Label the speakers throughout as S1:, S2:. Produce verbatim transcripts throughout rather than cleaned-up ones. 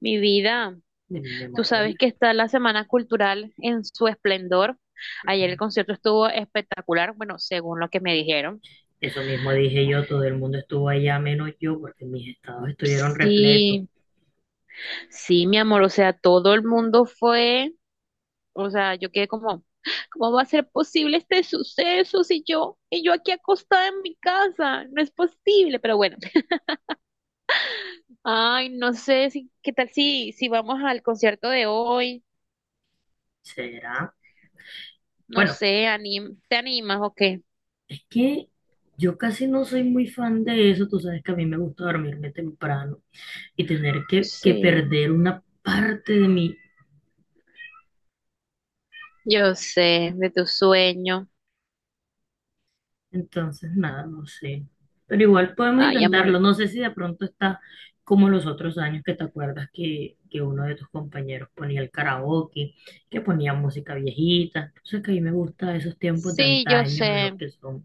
S1: Mi vida,
S2: De mi
S1: tú sabes
S2: Marbella.
S1: que está la Semana Cultural en su esplendor. Ayer el concierto estuvo espectacular, bueno, según lo que me dijeron.
S2: Eso mismo dije yo, todo el mundo estuvo allá menos yo porque mis estados estuvieron repletos.
S1: Sí, sí, mi amor, o sea, todo el mundo fue, o sea, yo quedé como, ¿cómo va a ser posible este suceso si yo, y yo aquí acostada en mi casa? No es posible, pero bueno. Ay, no sé si, ¿qué tal si, si vamos al concierto de hoy?
S2: ¿Será?
S1: No
S2: Bueno,
S1: sé, anim- ¿te animas o qué?
S2: es que yo casi no soy muy fan de eso, tú sabes que a mí me gusta dormirme temprano y tener que, que
S1: Sí.
S2: perder una parte de mi.
S1: Yo sé, de tu sueño.
S2: Entonces, nada, no sé. Pero igual podemos
S1: Ay, amor.
S2: intentarlo. No sé si de pronto está como los otros años, que te acuerdas que, que uno de tus compañeros ponía el karaoke, que ponía música viejita. Entonces, que a mí me gusta esos tiempos de
S1: Sí, yo
S2: antaño en
S1: sé.
S2: los que son.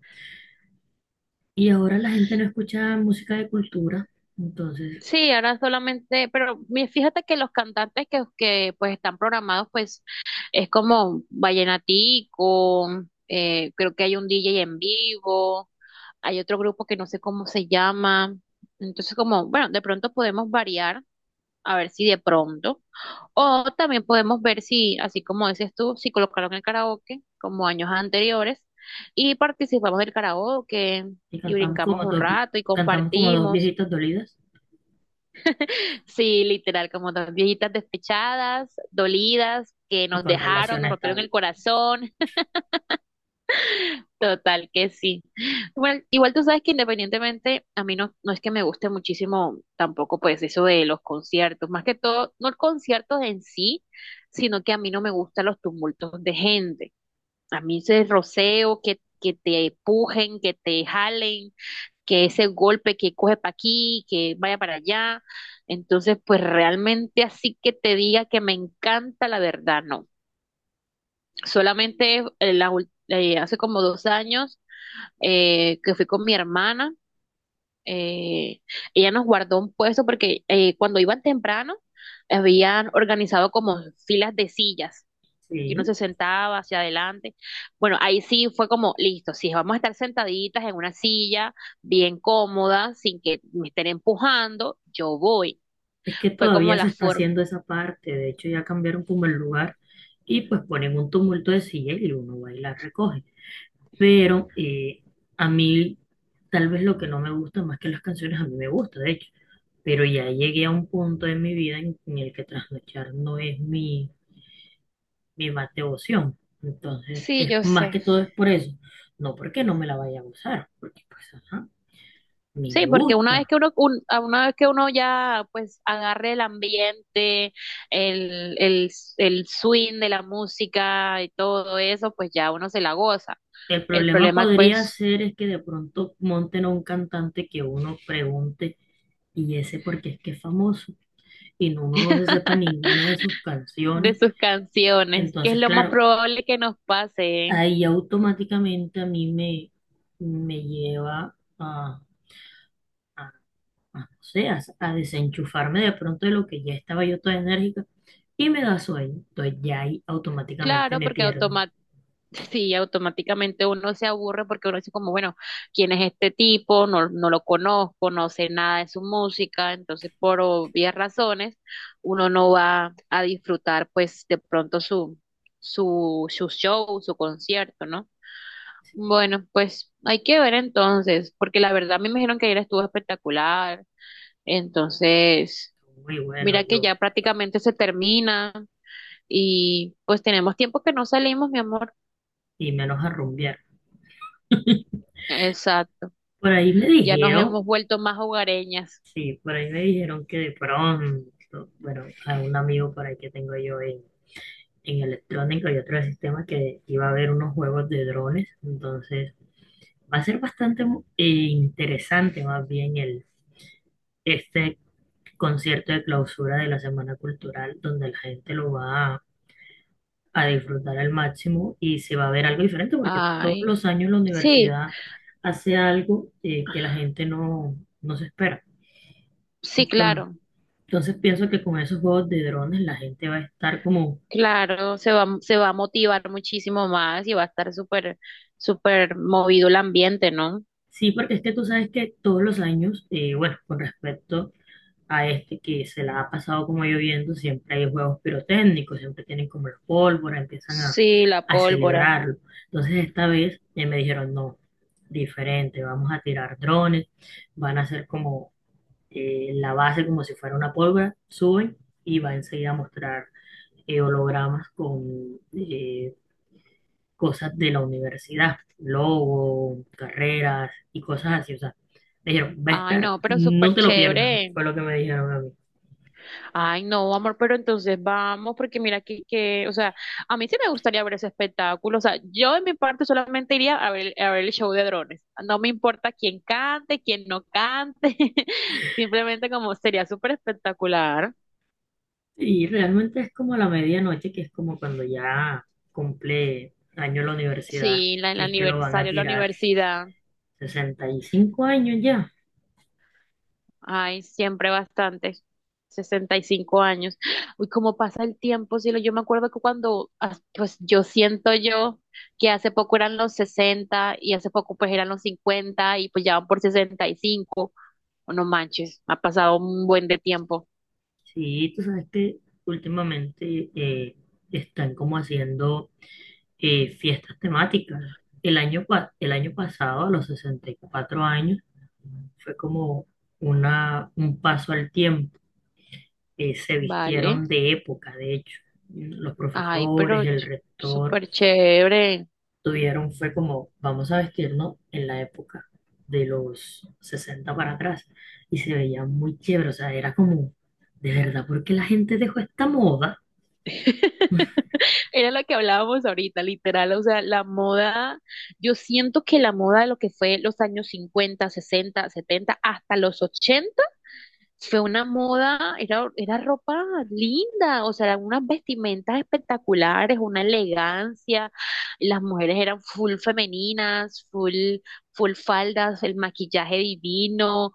S2: Y ahora la gente no escucha música de cultura. Entonces,
S1: Sí, ahora solamente, pero mi- fíjate que los cantantes que, que pues están programados, pues es como Vallenatico, eh, creo que hay un D J en vivo, hay otro grupo que no sé cómo se llama. Entonces, como, bueno, de pronto podemos variar. A ver si de pronto. O también podemos ver si, así como dices tú, si colocaron el karaoke como años anteriores y participamos del karaoke
S2: y
S1: y
S2: cantamos
S1: brincamos
S2: como
S1: un
S2: dos, vi-
S1: rato y
S2: cantamos como dos
S1: compartimos.
S2: viejitas dolidas
S1: Sí, literal, como dos viejitas despechadas, dolidas, que
S2: y
S1: nos
S2: con
S1: dejaron,
S2: relación
S1: nos rompieron
S2: estable.
S1: el corazón. Total que sí. Bueno, igual tú sabes que independientemente, a mí no, no es que me guste muchísimo tampoco pues eso de los conciertos, más que todo, no el concierto en sí, sino que a mí no me gustan los tumultos de gente. A mí ese roceo, que, que te empujen, que te jalen, que ese golpe que coge para aquí, que vaya para allá. Entonces, pues realmente así que te diga que me encanta, la verdad, no. Solamente eh, la ul- eh, hace como dos años eh, que fui con mi hermana. eh, Ella nos guardó un puesto porque eh, cuando iban temprano habían organizado como filas de sillas, que uno
S2: Sí.
S1: se sentaba hacia adelante. Bueno, ahí sí fue como, listo, si vamos a estar sentaditas en una silla bien cómoda, sin que me estén empujando, yo voy.
S2: Es que
S1: Fue como
S2: todavía se
S1: la
S2: está
S1: forma.
S2: haciendo esa parte, de hecho ya cambiaron como el lugar y pues ponen un tumulto de silla y uno va y la recoge. Pero eh, a mí tal vez lo que no me gusta más que las canciones, a mí me gusta de hecho, pero ya llegué a un punto en mi vida, en, en el que trasnochar no es mi, mi más devoción. Entonces
S1: Sí,
S2: es
S1: yo
S2: más que
S1: sé.
S2: todo es por eso, no porque no me la vaya a gozar, porque pues ajá, a mí me
S1: Sí, porque una vez
S2: gusta.
S1: que uno, un- a una vez que uno ya pues agarre el ambiente, el, el, el swing de la música y todo eso, pues ya uno se la goza.
S2: El
S1: El
S2: problema
S1: problema
S2: podría
S1: pues
S2: ser es que de pronto monten a un cantante que uno pregunte, y ese porque es que es famoso y no- uno no se sepa ninguna de sus
S1: de
S2: canciones.
S1: sus canciones, que es
S2: Entonces,
S1: lo más
S2: claro,
S1: probable que nos pase, ¿eh?
S2: ahí automáticamente a mí me, me lleva a, a, no sé, a, a desenchufarme de pronto de lo que ya estaba yo toda enérgica y me da sueño. Entonces ya ahí automáticamente
S1: Claro,
S2: me
S1: porque
S2: pierden.
S1: automa- sí, automáticamente uno se aburre porque uno dice como, bueno, ¿quién es este tipo? No, no lo conozco, no sé nada de su música, entonces por obvias razones uno no va a disfrutar pues de pronto su, su, su show, su concierto, ¿no?
S2: Sí,
S1: Bueno, pues hay que ver entonces, porque la verdad me dijeron que ayer estuvo espectacular, entonces
S2: muy bueno
S1: mira que
S2: yo,
S1: ya prácticamente se termina y pues tenemos tiempo que no salimos, mi amor.
S2: y menos a rumbear.
S1: Exacto.
S2: Por ahí me
S1: Ya nos
S2: dijeron.
S1: hemos vuelto más hogareñas.
S2: Sí, por ahí me dijeron que de pronto, bueno, a un amigo por ahí que tengo yo en, en electrónica y otro sistema, que iba a haber unos juegos de drones. Entonces va a ser bastante mu- eh, interesante más bien el, este concierto de clausura de la Semana Cultural, donde la gente lo va a, a disfrutar al máximo y se va a ver algo diferente, porque todos
S1: Ay,
S2: los años la
S1: sí,
S2: universidad hace algo, eh, que la gente no, no se espera.
S1: sí, claro,
S2: Entonces pienso que con esos juegos de drones la gente va a estar como,
S1: claro, se va, se va a motivar muchísimo más y va a estar súper, súper movido el ambiente, ¿no?
S2: sí, porque es que tú sabes que todos los años, eh, bueno, con respecto a este que se la ha pasado como lloviendo, siempre hay juegos pirotécnicos, siempre tienen como la pólvora, empiezan a,
S1: Sí, la
S2: a
S1: pólvora.
S2: celebrarlo. Entonces esta vez eh, me dijeron, no, diferente, vamos a tirar drones, van a hacer como eh, la base como si fuera una pólvora, suben y va enseguida a mostrar eh, hologramas con eh, cosas de la universidad, logo, carreras y cosas así. O sea, me dijeron, va a
S1: Ay,
S2: estar,
S1: no, pero
S2: no
S1: súper
S2: te lo pierdas,
S1: chévere.
S2: fue lo que me dijeron a mí.
S1: Ay, no, amor, pero entonces vamos, porque mira que, que, o sea, a mí sí me gustaría ver ese espectáculo, o sea, yo en mi parte solamente iría a ver, a ver el show de drones, no me importa quién cante, quién no cante, simplemente como sería súper espectacular,
S2: Y realmente es como a la medianoche, que es como cuando ya cumple año la universidad,
S1: sí, la, el
S2: que es que lo van a
S1: aniversario, la
S2: tirar,
S1: universidad.
S2: sesenta y cinco años ya.
S1: Ay, siempre bastante. Sesenta y cinco años. Uy, cómo pasa el tiempo, cielo. Yo me acuerdo que cuando, ah, pues yo siento yo que hace poco eran los sesenta y hace poco pues eran los cincuenta y pues ya van por sesenta y cinco. Oh, no manches, ha pasado un buen de tiempo.
S2: Sí, tú sabes que últimamente eh, están como haciendo eh, fiestas temáticas. El año, pa- el año pasado, a los sesenta y cuatro años, fue como una, un paso al tiempo. Eh, se
S1: Vale.
S2: vistieron de época, de hecho. Los
S1: Ay, pero
S2: profesores, el
S1: ch-
S2: rector,
S1: súper chévere.
S2: tuvieron, fue como, vamos a vestirnos en la época de los sesenta para atrás. Y se veía muy chévere, o sea, era como, ¿de verdad por qué la gente dejó esta moda?
S1: Era lo que hablábamos ahorita, literal, o sea, la moda, yo siento que la moda de lo que fue los años cincuenta, sesenta, setenta, hasta los ochenta fue una moda, era, era ropa linda, o sea, eran unas vestimentas espectaculares, una elegancia, las mujeres eran full femeninas, full, full faldas, el maquillaje divino,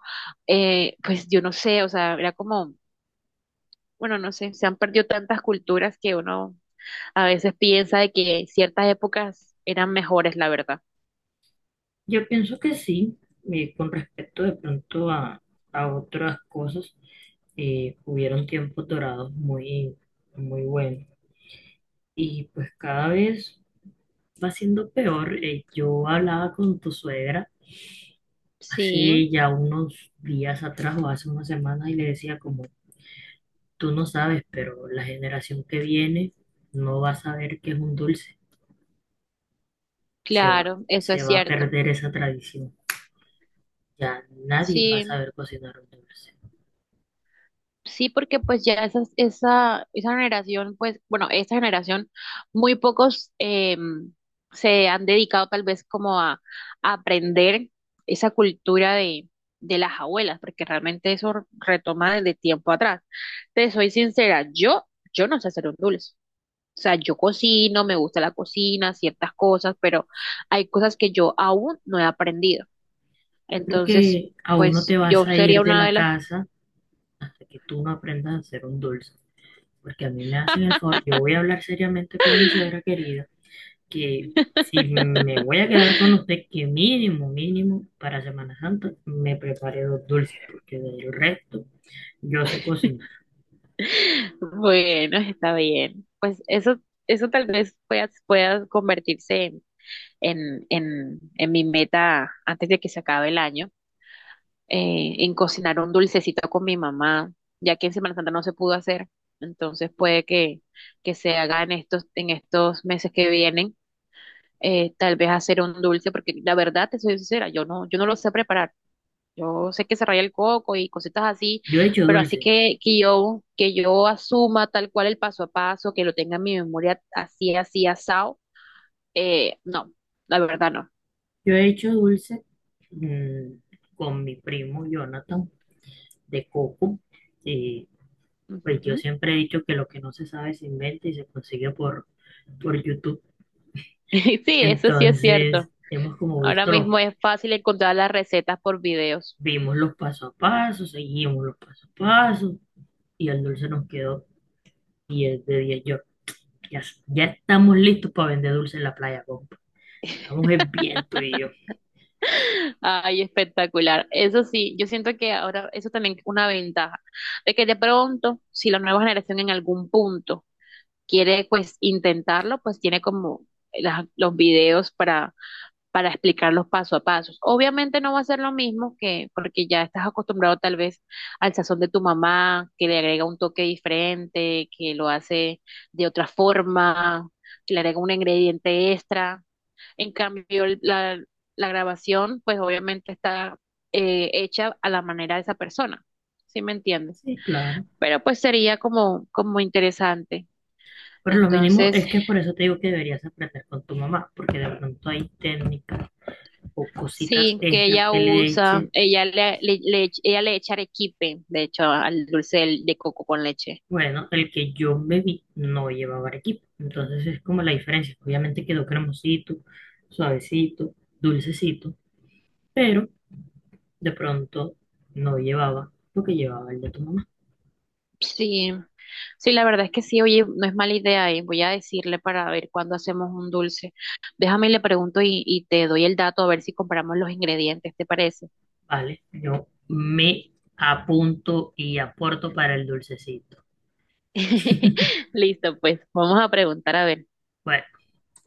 S1: eh, pues yo no sé, o sea, era como... Bueno, no sé, se han perdido tantas culturas que uno a veces piensa de que ciertas épocas eran mejores, la verdad.
S2: Yo pienso que sí, eh, con respecto de pronto a, a otras cosas, eh, hubieron tiempos dorados muy, muy buenos, y pues cada vez va siendo peor. Eh, yo hablaba con tu suegra
S1: Sí,
S2: hace ya unos días atrás, o hace unas semanas, y le decía como, tú no sabes, pero la generación que viene no va a saber qué es un dulce. Se va,
S1: claro, eso
S2: se
S1: es
S2: va a
S1: cierto.
S2: perder esa tradición. Ya nadie va a
S1: Sí,
S2: saber cocinar un dulce.
S1: sí, porque pues ya esas- esa, esa generación, pues, bueno, esta generación, muy pocos em, se han dedicado tal vez como a, a aprender esa cultura de, de las abuelas, porque realmente eso retoma desde tiempo atrás. Te soy sincera, yo, yo no sé hacer un dulce. O sea, yo cocino, me gusta la cocina, ciertas cosas, pero hay cosas que yo aún no he aprendido.
S2: Yo creo
S1: Entonces,
S2: que aún no te
S1: pues yo
S2: vas a
S1: sería
S2: ir de
S1: una
S2: la
S1: de las...
S2: casa hasta que tú no aprendas a hacer un dulce. Porque a mí me hacen el favor, yo voy a hablar seriamente con mi suegra querida, que si me voy a quedar con usted, que mínimo, mínimo, para Semana Santa me prepare dos dulces, porque del resto yo sé cocinar.
S1: Bueno, está bien. Pues eso, eso tal vez pueda, pueda convertirse en, en, en, en mi meta antes de que se acabe el año, eh, en cocinar un dulcecito con mi mamá, ya que en Semana Santa no se pudo hacer. Entonces puede que, que se haga en estos, en estos meses que vienen eh, tal vez hacer un dulce, porque la verdad, te soy sincera, yo no, yo no lo sé preparar. Yo sé que se raya el coco y cositas así,
S2: Yo he hecho
S1: pero así
S2: dulces,
S1: que, que yo, que yo asuma tal cual el paso a paso, que lo tenga en mi memoria así, así, asado, eh, no, la verdad no.
S2: yo he hecho dulces mm, con mi primo Jonathan, de coco, y pues yo
S1: Ujú.
S2: siempre he dicho que lo que no se sabe se inventa y se consigue por, por, YouTube.
S1: Sí, eso sí es cierto.
S2: Entonces, hemos como
S1: Ahora
S2: visto los,
S1: mismo es fácil encontrar las recetas por videos.
S2: vimos los paso a paso, seguimos los paso a paso, y el dulce nos quedó diez de diez. Yo Ya, ya estamos listos para vender dulce en la playa, compa. Estamos en viento y yo.
S1: Ay, espectacular. Eso sí, yo siento que ahora eso también es una ventaja, de que de pronto, si la nueva generación en algún punto quiere pues intentarlo, pues tiene como la- los videos para, para explicarlos paso a paso. Obviamente no va a ser lo mismo que porque ya estás acostumbrado tal vez al sazón de tu mamá, que le agrega un toque diferente, que lo hace de otra forma, que le agrega un ingrediente extra. En cambio, el- la, la grabación pues obviamente está eh, hecha a la manera de esa persona, ¿sí me entiendes?
S2: Sí, claro.
S1: Pero pues sería como, como interesante.
S2: Pero lo mínimo
S1: Entonces,
S2: es que, por eso te digo que deberías aprender con tu mamá, porque de pronto hay técnicas o cositas
S1: sí, que
S2: extras
S1: ella
S2: que le
S1: usa,
S2: eche.
S1: ella le, le- le- ella le echa arequipe, de hecho, al dulce de, de coco con leche.
S2: Bueno, el que yo me vi no llevaba equipo. Entonces es como la diferencia. Obviamente quedó cremosito, suavecito, dulcecito, pero de pronto no llevaba lo que llevaba el de tu mamá.
S1: Sí, sí, la verdad es que sí, oye, no es mala idea, eh, voy a decirle para ver cuándo hacemos un dulce. Déjame y le pregunto y, y te doy el dato a ver si compramos los ingredientes, ¿te parece?
S2: Vale, yo me apunto y aporto para el dulcecito.
S1: Listo, pues, vamos a preguntar a ver.
S2: Bueno.